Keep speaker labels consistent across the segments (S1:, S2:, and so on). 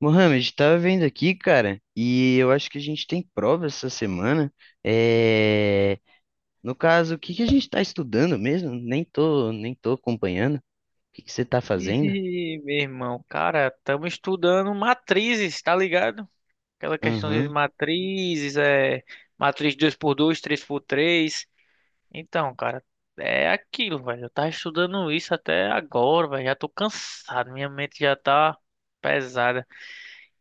S1: Mohamed, tava vendo aqui, cara, e eu acho que a gente tem prova essa semana. É... No caso, o que que a gente tá estudando mesmo? Nem tô acompanhando. O que que você tá fazendo?
S2: Ih, meu irmão, cara, estamos estudando matrizes, tá ligado? Aquela questão de
S1: Aham,
S2: matrizes, é matriz 2 por 2, 3 por 3. Então, cara, é aquilo, velho. Eu tava estudando isso até agora, velho. Já tô cansado, minha mente já tá pesada.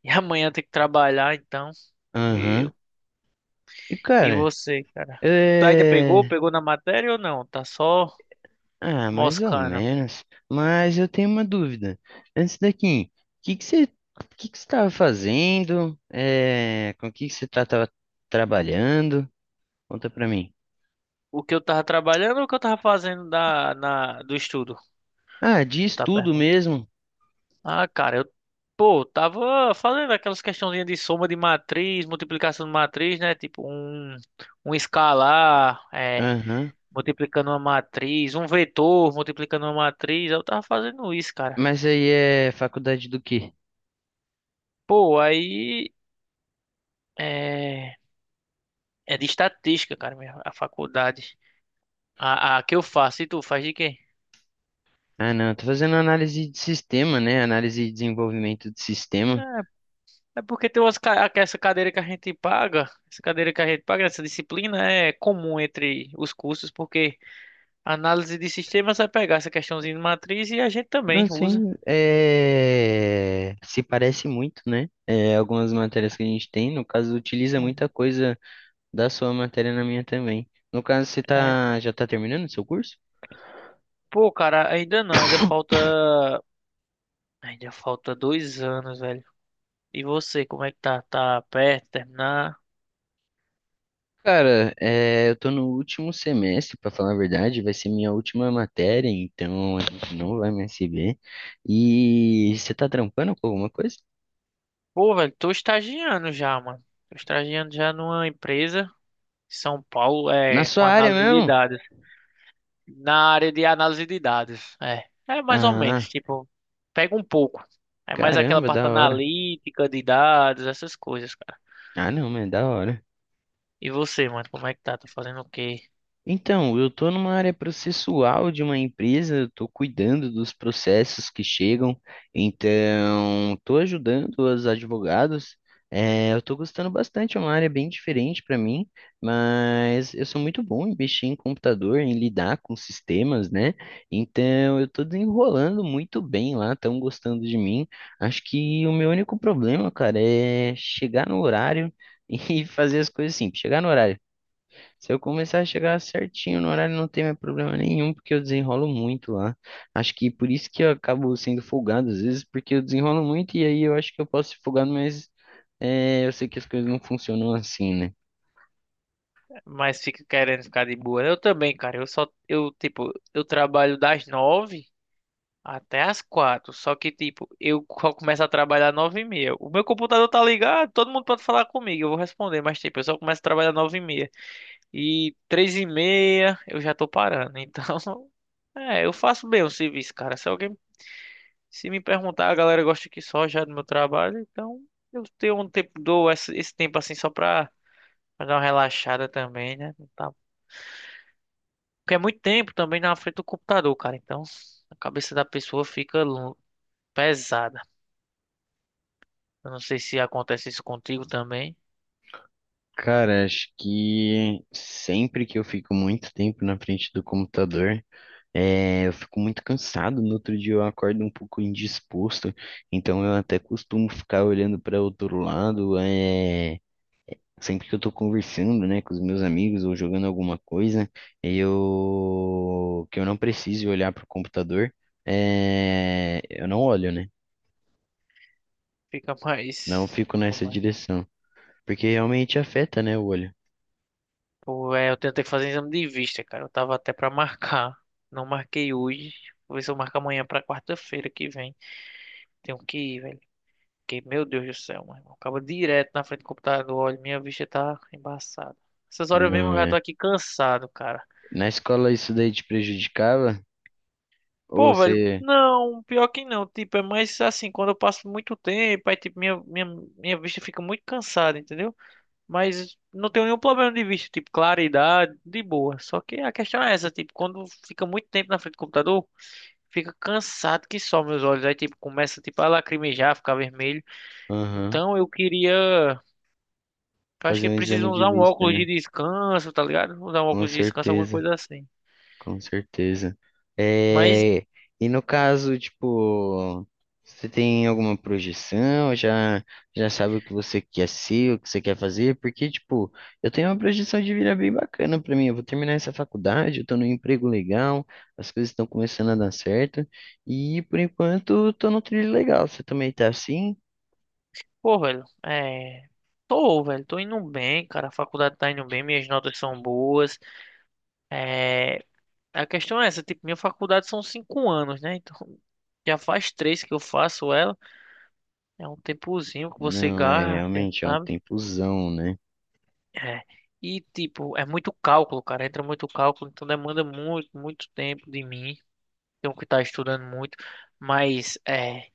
S2: E amanhã tem que trabalhar, então. E,
S1: aham. E,
S2: e
S1: cara,
S2: você, cara? Tu ainda pegou?
S1: é...
S2: Pegou na matéria ou não? Tá só
S1: Ah, mais ou
S2: moscando.
S1: menos. Mas eu tenho uma dúvida. Antes daqui, o que que você tava fazendo? Com o tava trabalhando? Conta pra mim.
S2: O que eu tava trabalhando ou o que eu tava fazendo da, na, do estudo?
S1: Ah, de
S2: Tu tá
S1: estudo
S2: perguntando.
S1: mesmo.
S2: Ah, cara, eu, pô, tava fazendo aquelas questãozinhas de soma de matriz, multiplicação de matriz, né? Tipo, um escalar, é,
S1: Aham.
S2: multiplicando uma matriz, um vetor multiplicando uma matriz. Eu tava fazendo isso, cara.
S1: Mas aí é faculdade do quê?
S2: Pô, aí é, é de estatística, cara, minha, a faculdade. A que eu faço, e tu faz de quê?
S1: Ah, não, eu tô fazendo análise de sistema, né? Análise e desenvolvimento de
S2: É,
S1: sistema.
S2: é porque tem umas, essa cadeira que a gente paga, essa cadeira que a gente paga, essa disciplina é comum entre os cursos, porque. Análise de sistemas vai pegar essa questãozinha de matriz e a gente também
S1: Não,
S2: usa.
S1: sim, se parece muito, né? É, algumas matérias que a gente tem, no caso, utiliza muita coisa da sua matéria na minha também. No caso, você
S2: É. É.
S1: tá... já tá terminando o seu curso?
S2: Pô, cara, ainda não, ainda falta. Ainda falta 2 anos, velho. E você, como é que tá? Tá perto de terminar?
S1: Cara, é, eu tô no último semestre, pra falar a verdade, vai ser minha última matéria, então a gente não vai mais se ver. E você tá trampando com alguma coisa?
S2: Pô, velho, tô estagiando já, mano. Tô estagiando já numa empresa em São Paulo,
S1: Na
S2: é, com
S1: sua área
S2: análise de
S1: mesmo?
S2: dados. Na área de análise de dados, é. É mais ou menos,
S1: Ah,
S2: tipo, pega um pouco. É mais aquela
S1: caramba,
S2: parte
S1: da hora.
S2: analítica de dados, essas coisas.
S1: Ah, não, mas é da hora.
S2: E você, mano, como é que tá? Tá fazendo o quê?
S1: Então, eu estou numa área processual de uma empresa, estou cuidando dos processos que chegam, então estou ajudando os advogados. Eu estou gostando bastante, é uma área bem diferente para mim, mas eu sou muito bom em mexer em computador, em lidar com sistemas, né? Então eu estou desenrolando muito bem lá, estão gostando de mim. Acho que o meu único problema, cara, é chegar no horário e fazer as coisas simples. Chegar no horário, se eu começar a chegar certinho no horário, não tem mais problema nenhum, porque eu desenrolo muito lá. Acho que por isso que eu acabo sendo folgado às vezes, porque eu desenrolo muito e aí eu acho que eu posso ser folgado, mas é, eu sei que as coisas não funcionam assim, né?
S2: Mas fica querendo ficar de boa, né? Eu também, cara. Eu só, eu, tipo, eu trabalho das 9h até as 16h. Só que, tipo, eu começo a trabalhar 9h30. O meu computador tá ligado, todo mundo pode falar comigo, eu vou responder. Mas, tipo, eu só começo a trabalhar 9h30. E 15h30 eu já tô parando. Então, é, eu faço bem o serviço, cara. Se alguém, se me perguntar, a galera gosta aqui só já do meu trabalho. Então, eu tenho um tempo, dou esse tempo assim só pra pra dar uma relaxada também, né? Não tá... Porque é muito tempo também na frente do computador, cara. Então a cabeça da pessoa fica pesada. Eu não sei se acontece isso contigo também.
S1: Cara, acho que sempre que eu fico muito tempo na frente do computador, é, eu fico muito cansado. No outro dia eu acordo um pouco indisposto, então eu até costumo ficar olhando para outro lado, é, sempre que eu tô conversando, né, com os meus amigos ou jogando alguma coisa, eu que eu não precise olhar pro computador, eu não olho, né?
S2: Fica
S1: Não
S2: mais.
S1: fico nessa
S2: Como é?
S1: direção, porque realmente afeta, né, o olho.
S2: Pô, é, eu tentei fazer exame de vista, cara. Eu tava até pra marcar. Não marquei hoje. Vou ver se eu marco amanhã pra quarta-feira que vem. Tenho que ir, velho. Porque, meu Deus do céu, mano. Acaba direto na frente do computador. Olha, minha vista tá embaçada. Essas horas mesmo eu
S1: Não
S2: já tô
S1: é.
S2: aqui cansado, cara.
S1: Na escola isso daí te prejudicava? Ou
S2: Pô, velho,
S1: você,
S2: não, pior que não, tipo, é mais assim, quando eu passo muito tempo, aí, tipo, minha vista fica muito cansada, entendeu? Mas não tenho nenhum problema de vista, tipo, claridade, de boa. Só que a questão é essa, tipo, quando fica muito tempo na frente do computador, fica cansado que só meus olhos, aí, tipo, começa, tipo, a lacrimejar, ficar vermelho.
S1: aham,
S2: Então, eu queria, acho
S1: fazer
S2: que
S1: um exame
S2: precisam
S1: de
S2: usar um
S1: vista,
S2: óculos de
S1: né?
S2: descanso, tá ligado? Usar um
S1: Com
S2: óculos de descanso, alguma
S1: certeza.
S2: coisa assim.
S1: Com certeza.
S2: Mas
S1: É, e no caso, tipo, você tem alguma projeção? Já sabe o que você quer ser, o que você quer fazer? Porque, tipo, eu tenho uma projeção de vida bem bacana pra mim. Eu vou terminar essa faculdade, eu tô num emprego legal, as coisas estão começando a dar certo. E, por enquanto, eu tô num trilho legal. Você também tá assim?
S2: pô, velho, é. Tô, velho, tô indo bem, cara. A faculdade tá indo bem, minhas notas são boas. É. A questão é essa, tipo, minha faculdade são 5 anos, né? Então, já faz 3 que eu faço ela. É um tempozinho que você
S1: Não, é
S2: gasta,
S1: realmente, é um
S2: sabe?
S1: tempozão, né?
S2: É. E, tipo, é muito cálculo, cara. Entra muito cálculo, então demanda muito, muito tempo de mim. Tenho que estar estudando muito. Mas, é.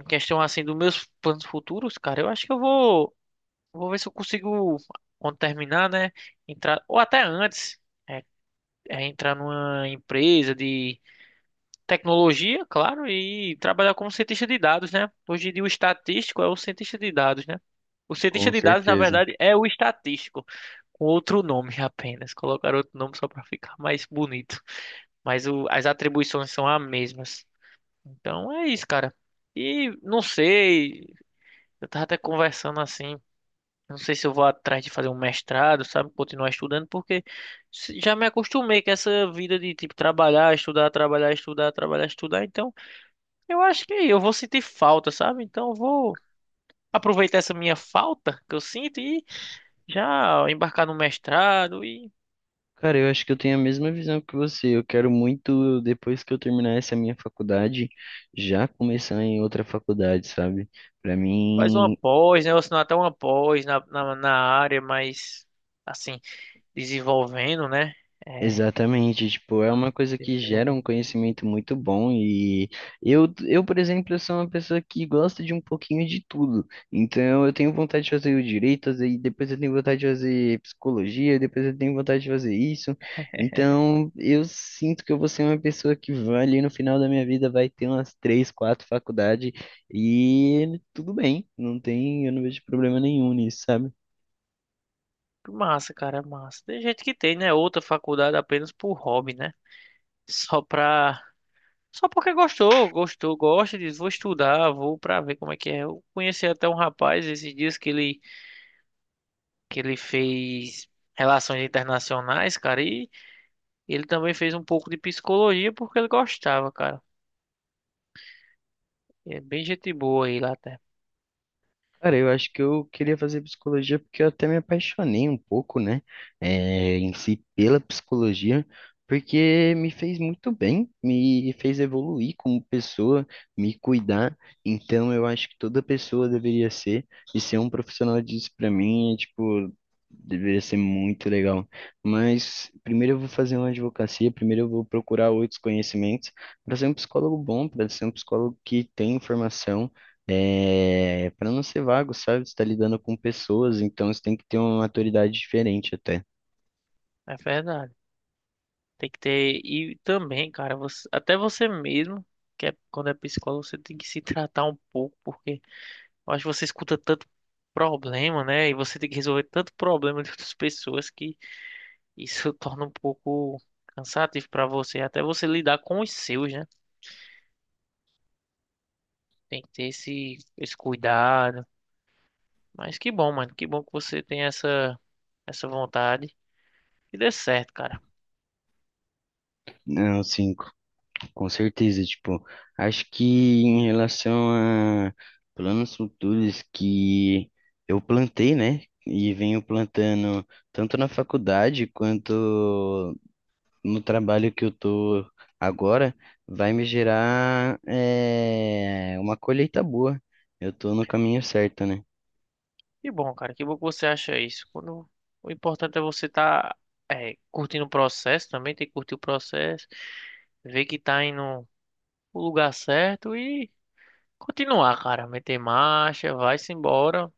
S2: Em questão, assim, dos meus planos futuros, cara, eu acho que eu vou. Vou ver se eu consigo, quando terminar, né? Entrar, ou até antes, é, é entrar numa empresa de tecnologia, claro, e trabalhar como cientista de dados, né? Hoje em dia, o estatístico é o cientista de dados, né? O cientista
S1: Com
S2: de dados, na
S1: certeza.
S2: verdade, é o estatístico, com outro nome apenas. Colocaram outro nome só para ficar mais bonito. Mas o... as atribuições são as mesmas. Então é isso, cara. E não sei, eu tava até conversando assim. Não sei se eu vou atrás de fazer um mestrado, sabe? Continuar estudando, porque já me acostumei com essa vida de, tipo, trabalhar, estudar, trabalhar, estudar, trabalhar, estudar. Então, eu acho que eu vou sentir falta, sabe? Então, eu vou aproveitar essa minha falta que eu sinto e já embarcar no mestrado e
S1: Cara, eu acho que eu tenho a mesma visão que você. Eu quero muito, depois que eu terminar essa minha faculdade, já começar em outra faculdade, sabe? Pra
S2: fazer uma
S1: mim,
S2: pós, né? Ou senão até uma pós na área, mas, assim, desenvolvendo, né? É.
S1: exatamente, tipo, é uma
S2: Hum,
S1: coisa que gera um
S2: desenvolvendo.
S1: conhecimento muito bom e eu, por exemplo, sou uma pessoa que gosta de um pouquinho de tudo. Então, eu tenho vontade de fazer o direito, aí depois eu tenho vontade de fazer psicologia, depois eu tenho vontade de fazer isso. Então, eu sinto que eu vou ser uma pessoa que vai ali no final da minha vida vai ter umas três, quatro faculdades e tudo bem, não tem, eu não vejo problema nenhum nisso, sabe?
S2: Massa, cara, é massa. Tem gente que tem, né? Outra faculdade apenas por hobby, né? Só pra. Só porque gostou, gostou, gosta, diz, vou estudar, vou pra ver como é que é. Eu conheci até um rapaz esses dias que ele fez relações internacionais, cara, e ele também fez um pouco de psicologia porque ele gostava, cara. E é bem gente boa aí lá até.
S1: Cara, eu acho que eu queria fazer psicologia porque eu até me apaixonei um pouco, né, em si pela psicologia, porque me fez muito bem, me fez evoluir como pessoa, me cuidar. Então, eu acho que toda pessoa deveria ser, e ser um profissional disso pra mim é tipo. Deveria ser muito legal. Mas primeiro eu vou fazer uma advocacia, primeiro eu vou procurar outros conhecimentos para ser um psicólogo bom, para ser um psicólogo que tem informação, é, para não ser vago, sabe? Você tá lidando com pessoas, então você tem que ter uma maturidade diferente até.
S2: É verdade. Tem que ter. E também, cara, você... até você mesmo, que é, quando é psicólogo, você tem que se tratar um pouco, porque eu acho que você escuta tanto problema, né? E você tem que resolver tanto problema de outras pessoas que. Isso torna um pouco cansativo para você, até você lidar com os seus, né? Tem que ter esse cuidado. Mas que bom, mano. Que bom que você tem essa vontade. E dê certo, cara.
S1: Não, sim, com certeza. Tipo, acho que em relação a planos futuros que eu plantei, né? E venho plantando tanto na faculdade quanto no trabalho que eu tô agora, vai me gerar, é, uma colheita boa. Eu tô no caminho certo, né?
S2: Que bom, cara. Que bom que você acha isso. Quando, o importante é você estar curtindo o processo também, tem que curtir o processo, ver que tá indo o lugar certo e continuar, cara. Meter marcha, vai-se embora.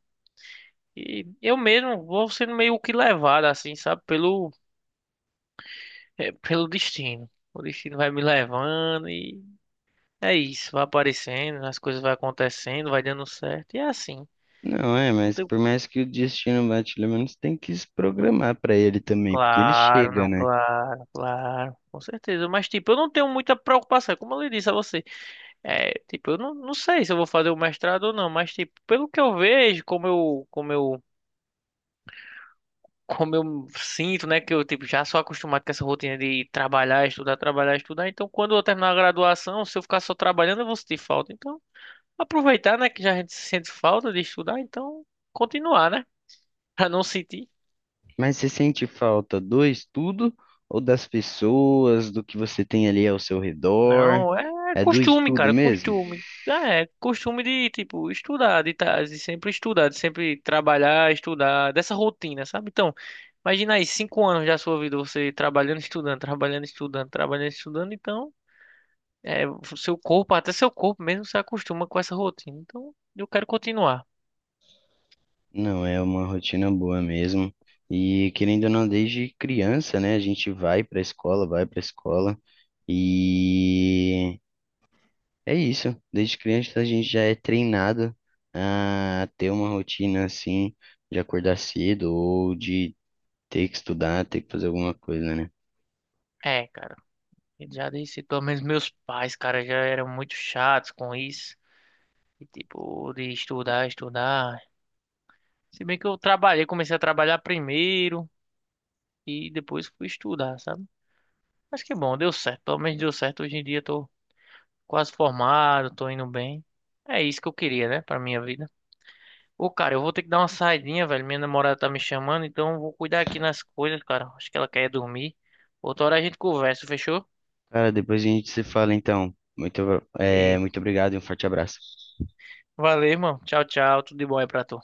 S2: E eu mesmo vou sendo meio que levado, assim, sabe, pelo é pelo destino. O destino vai me levando e é isso, vai aparecendo, as coisas vai acontecendo, vai dando certo. E é assim.
S1: Não é,
S2: Não
S1: mas
S2: tenho...
S1: por mais que o destino bate, pelo menos tem que se programar para ele também, porque ele
S2: Claro,
S1: chega,
S2: não,
S1: né?
S2: claro, claro, com certeza. Mas, tipo, eu não tenho muita preocupação, como eu lhe disse a você. É, tipo, eu não, não sei se eu vou fazer o mestrado ou não, mas, tipo, pelo que eu vejo, como eu sinto, né, que eu, tipo, já sou acostumado com essa rotina de trabalhar, estudar, trabalhar, estudar. Então, quando eu terminar a graduação, se eu ficar só trabalhando, eu vou sentir falta. Então. Aproveitar, né? Que já a gente sente falta de estudar, então continuar, né? Pra não sentir.
S1: Mas você sente falta do estudo ou das pessoas, do que você tem ali ao seu redor?
S2: Não, é
S1: É do
S2: costume,
S1: estudo
S2: cara,
S1: mesmo?
S2: costume. É, costume de, tipo, estudar, de, de sempre estudar, de sempre trabalhar, estudar, dessa rotina, sabe? Então, imagina aí, 5 anos da sua vida, você trabalhando, estudando, trabalhando, estudando, trabalhando, estudando, então, é, o seu corpo, até seu corpo mesmo se acostuma com essa rotina. Então, eu quero continuar.
S1: Não, é uma rotina boa mesmo. E querendo ou não, desde criança, né? A gente vai para a escola, vai para a escola. E é isso, desde criança a gente já é treinado a ter uma rotina assim, de acordar cedo ou de ter que estudar, ter que fazer alguma coisa, né?
S2: É, cara, já disse, pelo menos meus pais, cara, já eram muito chatos com isso. E, tipo, de estudar, estudar. Se bem que eu trabalhei, comecei a trabalhar primeiro e depois fui estudar, sabe? Mas que bom, deu certo. Pelo menos deu certo. Hoje em dia eu tô quase formado, tô indo bem. É isso que eu queria, né, pra minha vida. Ô, cara, eu vou ter que dar uma saidinha, velho. Minha namorada tá me chamando, então eu vou cuidar aqui nas coisas, cara. Acho que ela quer dormir. Outra hora a gente conversa, fechou?
S1: Cara, depois a gente se fala então. Muito, é,
S2: Ei.
S1: muito obrigado e um forte abraço.
S2: Valeu, irmão. Tchau, tchau. Tudo de bom aí pra tu.